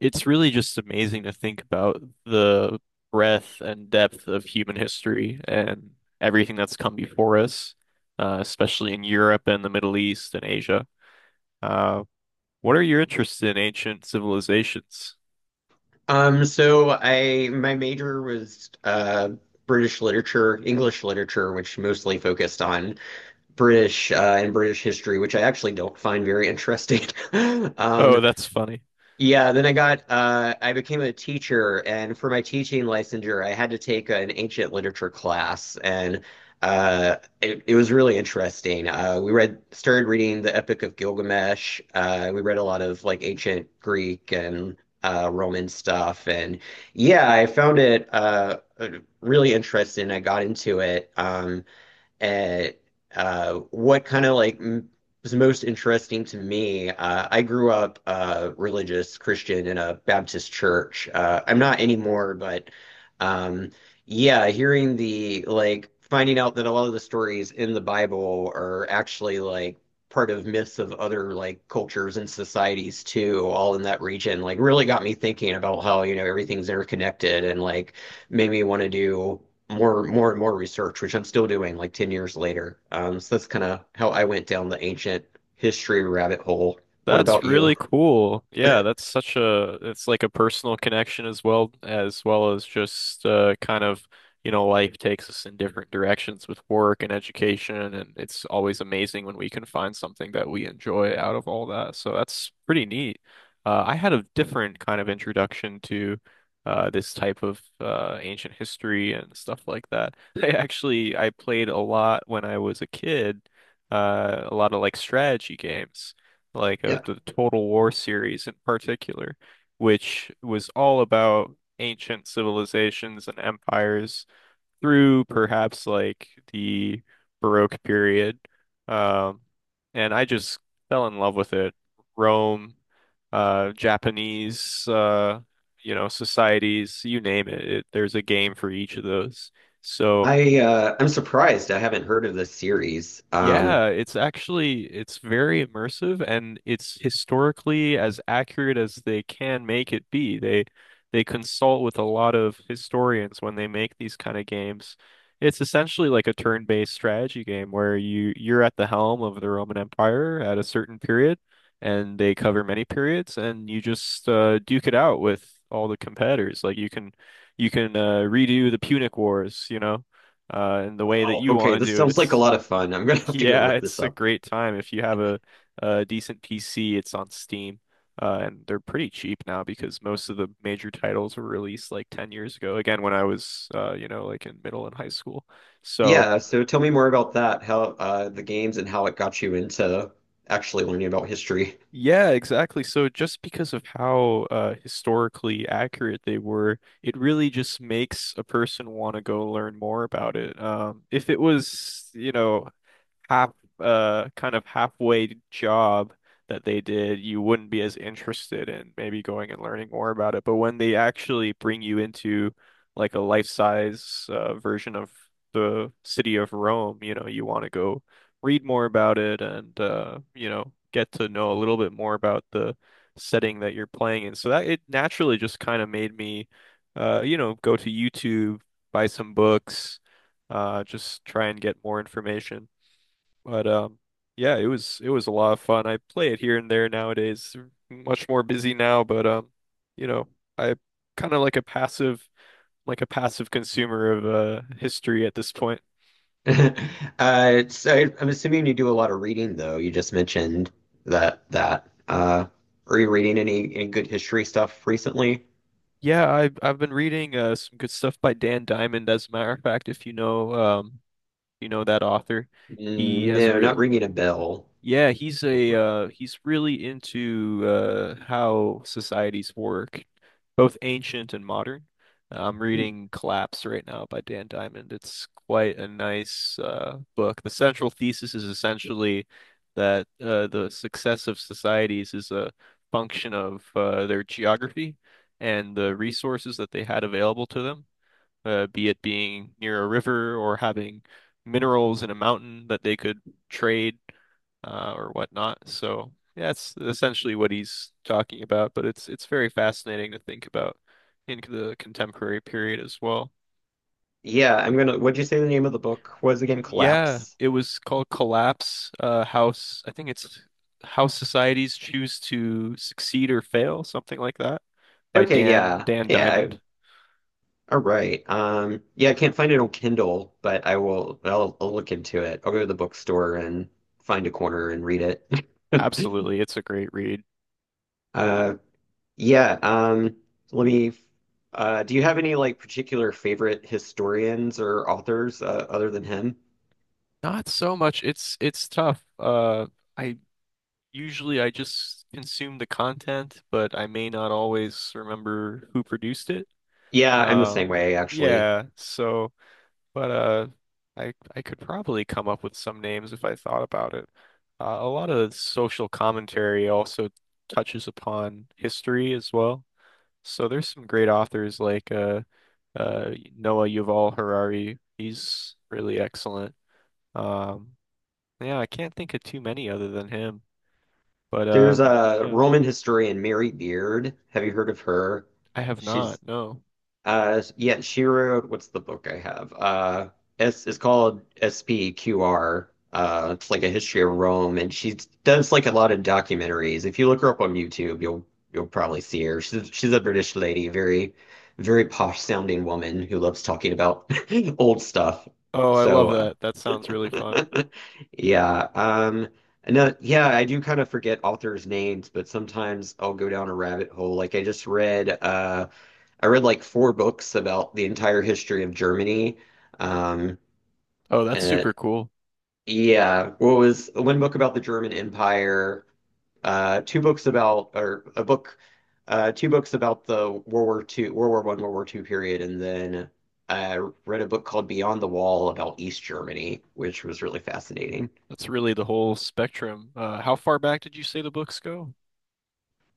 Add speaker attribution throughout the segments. Speaker 1: It's really just amazing to think about the breadth and depth of human history and everything that's come before us, especially in Europe and the Middle East and Asia. Uh, what are your interests in ancient civilizations?
Speaker 2: So I my major was British literature, English literature, which mostly focused on British and British history, which I actually don't find very interesting.
Speaker 1: Oh,
Speaker 2: Um,
Speaker 1: that's funny.
Speaker 2: yeah, then I got I became a teacher, and for my teaching licensure, I had to take an ancient literature class, and it was really interesting. We read Started reading the Epic of Gilgamesh. We read a lot of like ancient Greek and Roman stuff, and yeah, I found it really interesting. I got into it. At What kind of like m Was most interesting to me. I grew up religious Christian in a Baptist church. I'm not anymore, but um, yeah, hearing the like finding out that a lot of the stories in the Bible are actually like part of myths of other like cultures and societies too, all in that region, like really got me thinking about how, everything's interconnected and like made me want to do more and more research, which I'm still doing like 10 years later. So that's kind of how I went down the ancient history rabbit hole. What
Speaker 1: That's
Speaker 2: about
Speaker 1: really
Speaker 2: you?
Speaker 1: cool. Yeah, that's such a it's like a personal connection as well as just kind of, you know, life takes us in different directions with work and education, and it's always amazing when we can find something that we enjoy out of all that. So that's pretty neat. I had a different kind of introduction to this type of ancient history and stuff like that. I actually I played a lot when I was a kid, a lot of like strategy games like
Speaker 2: Yeah,
Speaker 1: the Total War series in particular, which was all about ancient civilizations and empires through perhaps like the Baroque period. Um, and I just fell in love with it. Rome, Japanese, you know, societies, you name it. There's a game for each of those. So.
Speaker 2: I'm surprised I haven't heard of this series.
Speaker 1: Yeah, it's actually it's very immersive, and it's historically as accurate as they can make it be. They consult with a lot of historians when they make these kind of games. It's essentially like a turn-based strategy game where you're at the helm of the Roman Empire at a certain period, and they cover many periods, and you just duke it out with all the competitors. Like you can redo the Punic Wars, you know, in the way that
Speaker 2: Oh,
Speaker 1: you
Speaker 2: okay,
Speaker 1: want to
Speaker 2: this
Speaker 1: do it.
Speaker 2: sounds like a
Speaker 1: It's
Speaker 2: lot of fun. I'm gonna have to go
Speaker 1: yeah,
Speaker 2: look this
Speaker 1: it's a
Speaker 2: up.
Speaker 1: great time if you have a decent PC. It's on Steam, and they're pretty cheap now because most of the major titles were released like 10 years ago. Again, when I was, you know, like in middle and high school. So
Speaker 2: Yeah, so tell me more about that, how the games and how it got you into actually learning about history.
Speaker 1: yeah, exactly. So just because of how historically accurate they were, it really just makes a person want to go learn more about it. If it was, Half kind of halfway job that they did, you wouldn't be as interested in maybe going and learning more about it. But when they actually bring you into like a life-size version of the city of Rome, you know, you want to go read more about it and get to know a little bit more about the setting that you're playing in. So that it naturally just kind of made me go to YouTube, buy some books, just try and get more information. But yeah, it was a lot of fun. I play it here and there nowadays. Much more busy now, but you know, I kind of like a passive consumer of history at this point.
Speaker 2: So I'm assuming you do a lot of reading, though. You just mentioned that. Are you reading any good history stuff recently?
Speaker 1: Yeah, I've been reading some good stuff by Dan Diamond, as a matter of fact, if you know that author. He has a
Speaker 2: No, not
Speaker 1: real
Speaker 2: ringing a bell.
Speaker 1: Yeah, he's
Speaker 2: Look.
Speaker 1: a he's really into how societies work, both ancient and modern. I'm
Speaker 2: Hmm.
Speaker 1: reading Collapse right now by Dan Diamond. It's quite a nice book. The central thesis is essentially that the success of societies is a function of their geography and the resources that they had available to them, be it being near a river or having minerals in a mountain that they could trade, or whatnot. So yeah, that's essentially what he's talking about, but it's very fascinating to think about in the contemporary period as well.
Speaker 2: Yeah, I'm gonna. What'd you say the name of the book was again?
Speaker 1: Yeah,
Speaker 2: Collapse.
Speaker 1: it was called Collapse, House. I think it's How Societies Choose to Succeed or Fail, something like that, by
Speaker 2: Okay,
Speaker 1: Dan
Speaker 2: yeah,
Speaker 1: Dan
Speaker 2: yeah.
Speaker 1: Diamond.
Speaker 2: I- All right. Yeah, I can't find it on Kindle, but I will. I'll look into it. I'll go to the bookstore and find a corner and read it.
Speaker 1: Absolutely, it's a great read.
Speaker 2: Uh, Yeah, let me. Do you have any like particular favorite historians or authors other than him?
Speaker 1: Not so much. It's tough. I usually I just consume the content, but I may not always remember who produced it.
Speaker 2: Yeah, I'm the
Speaker 1: Uh,
Speaker 2: same way actually.
Speaker 1: yeah. So, but I could probably come up with some names if I thought about it. A lot of social commentary also touches upon history as well. So there's some great authors like uh, Noah Yuval Harari. He's really excellent. Um, yeah, I can't think of too many other than him. But
Speaker 2: There's a
Speaker 1: yeah,
Speaker 2: Roman historian, Mary Beard. Have you heard of her?
Speaker 1: I have not.
Speaker 2: She's.
Speaker 1: No.
Speaker 2: Yeah, she wrote, what's the book I have? It's called SPQR. It's like a history of Rome, and she does like a lot of documentaries. If you look her up on YouTube, you'll probably see her. She's a British lady, very posh sounding woman who loves talking about old stuff.
Speaker 1: Oh, I love
Speaker 2: So,
Speaker 1: that. That sounds really fun.
Speaker 2: uh, yeah. No, yeah, I do kind of forget authors' names, but sometimes I'll go down a rabbit hole. Like I just read. I read like four books about the entire history of Germany. Um,
Speaker 1: Oh, that's
Speaker 2: and
Speaker 1: super cool.
Speaker 2: yeah, what was one book about the German Empire, uh, two books about, or a book, two books about the World War Two, World War One, World War Two period, and then I read a book called Beyond the Wall about East Germany, which was really fascinating.
Speaker 1: That's really the whole spectrum. How far back did you say the books go?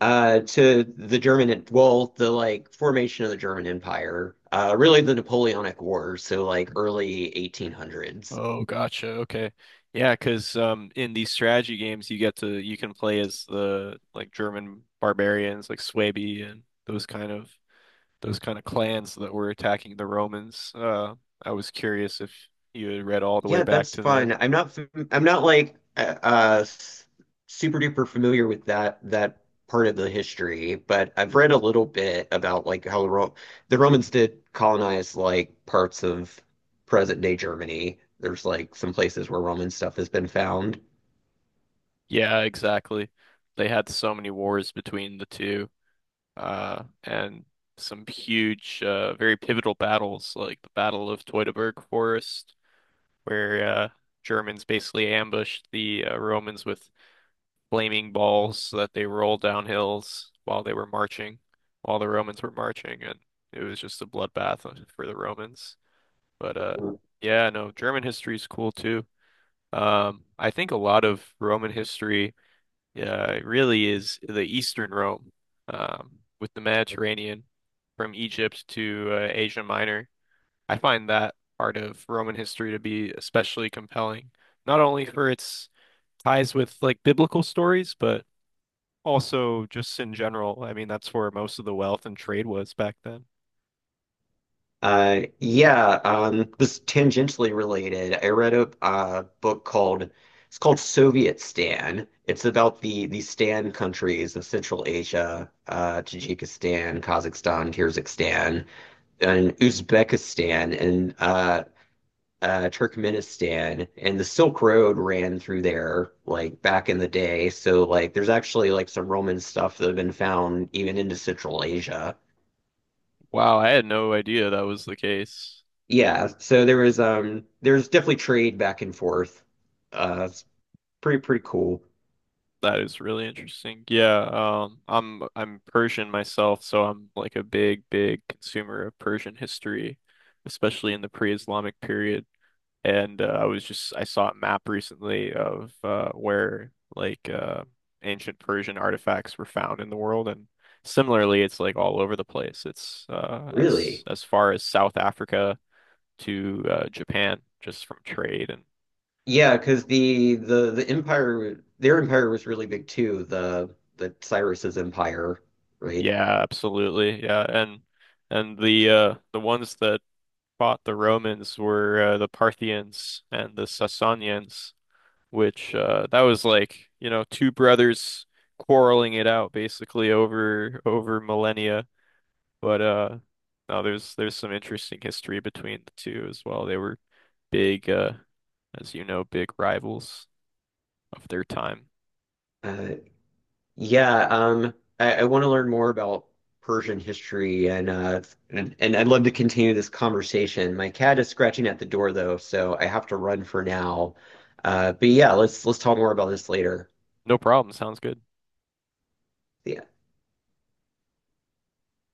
Speaker 2: To the German, well, the like formation of the German Empire, really the Napoleonic Wars, so like early 1800s.
Speaker 1: Oh, gotcha. Okay. Yeah, 'cause in these strategy games you get to you can play as the like German barbarians like Suebi and those kind of clans that were attacking the Romans. I was curious if you had read all the way
Speaker 2: Yeah,
Speaker 1: back
Speaker 2: that's
Speaker 1: to
Speaker 2: fun.
Speaker 1: there.
Speaker 2: I'm not like super duper familiar with that part of the history, but I've read a little bit about like how the Romans did colonize like parts of present day Germany. There's like some places where Roman stuff has been found.
Speaker 1: Yeah, exactly. They had so many wars between the two, and some huge, very pivotal battles, like the Battle of Teutoburg Forest, where Germans basically ambushed the Romans with flaming balls so that they rolled down hills while they were marching, while the Romans were marching, and it was just a bloodbath for the Romans. But yeah, no, German history is cool too. I think a lot of Roman history yeah, it really is the Eastern Rome, with the Mediterranean from Egypt to Asia Minor. I find that part of Roman history to be especially compelling, not only for its ties with like biblical stories, but also, just in general, I mean, that's where most of the wealth and trade was back then.
Speaker 2: Uh, yeah, this is tangentially related. I read a book called it's called Soviet Stan. It's about the Stan countries of Central Asia, Tajikistan, Kazakhstan, Kyrgyzstan, and Uzbekistan, and Turkmenistan. And the Silk Road ran through there like back in the day. So like, there's actually like some Roman stuff that have been found even into Central Asia.
Speaker 1: Wow, I had no idea that was the case.
Speaker 2: Yeah, so there was there's definitely trade back and forth. Uh, it's pretty cool.
Speaker 1: That is really interesting. Yeah, I'm Persian myself, so I'm like a big, big consumer of Persian history, especially in the pre-Islamic period. And I was just I saw a map recently of where like ancient Persian artifacts were found in the world, and similarly, it's like all over the place. It's
Speaker 2: Really?
Speaker 1: as far as South Africa to Japan, just from trade. And
Speaker 2: Yeah, because the empire their empire was really big too, the Cyrus's empire, right?
Speaker 1: yeah, absolutely, yeah, and. And the ones that fought the Romans were the Parthians and the Sasanians, which that was like, you know, two brothers quarreling it out basically over millennia. But no, there's some interesting history between the two as well. They were big as you know, big rivals of their time.
Speaker 2: Uh yeah, I want to learn more about Persian history and and I'd love to continue this conversation. My cat is scratching at the door though, so I have to run for now. Uh, but yeah, let's talk more about this later.
Speaker 1: No problem, sounds good.
Speaker 2: Yeah.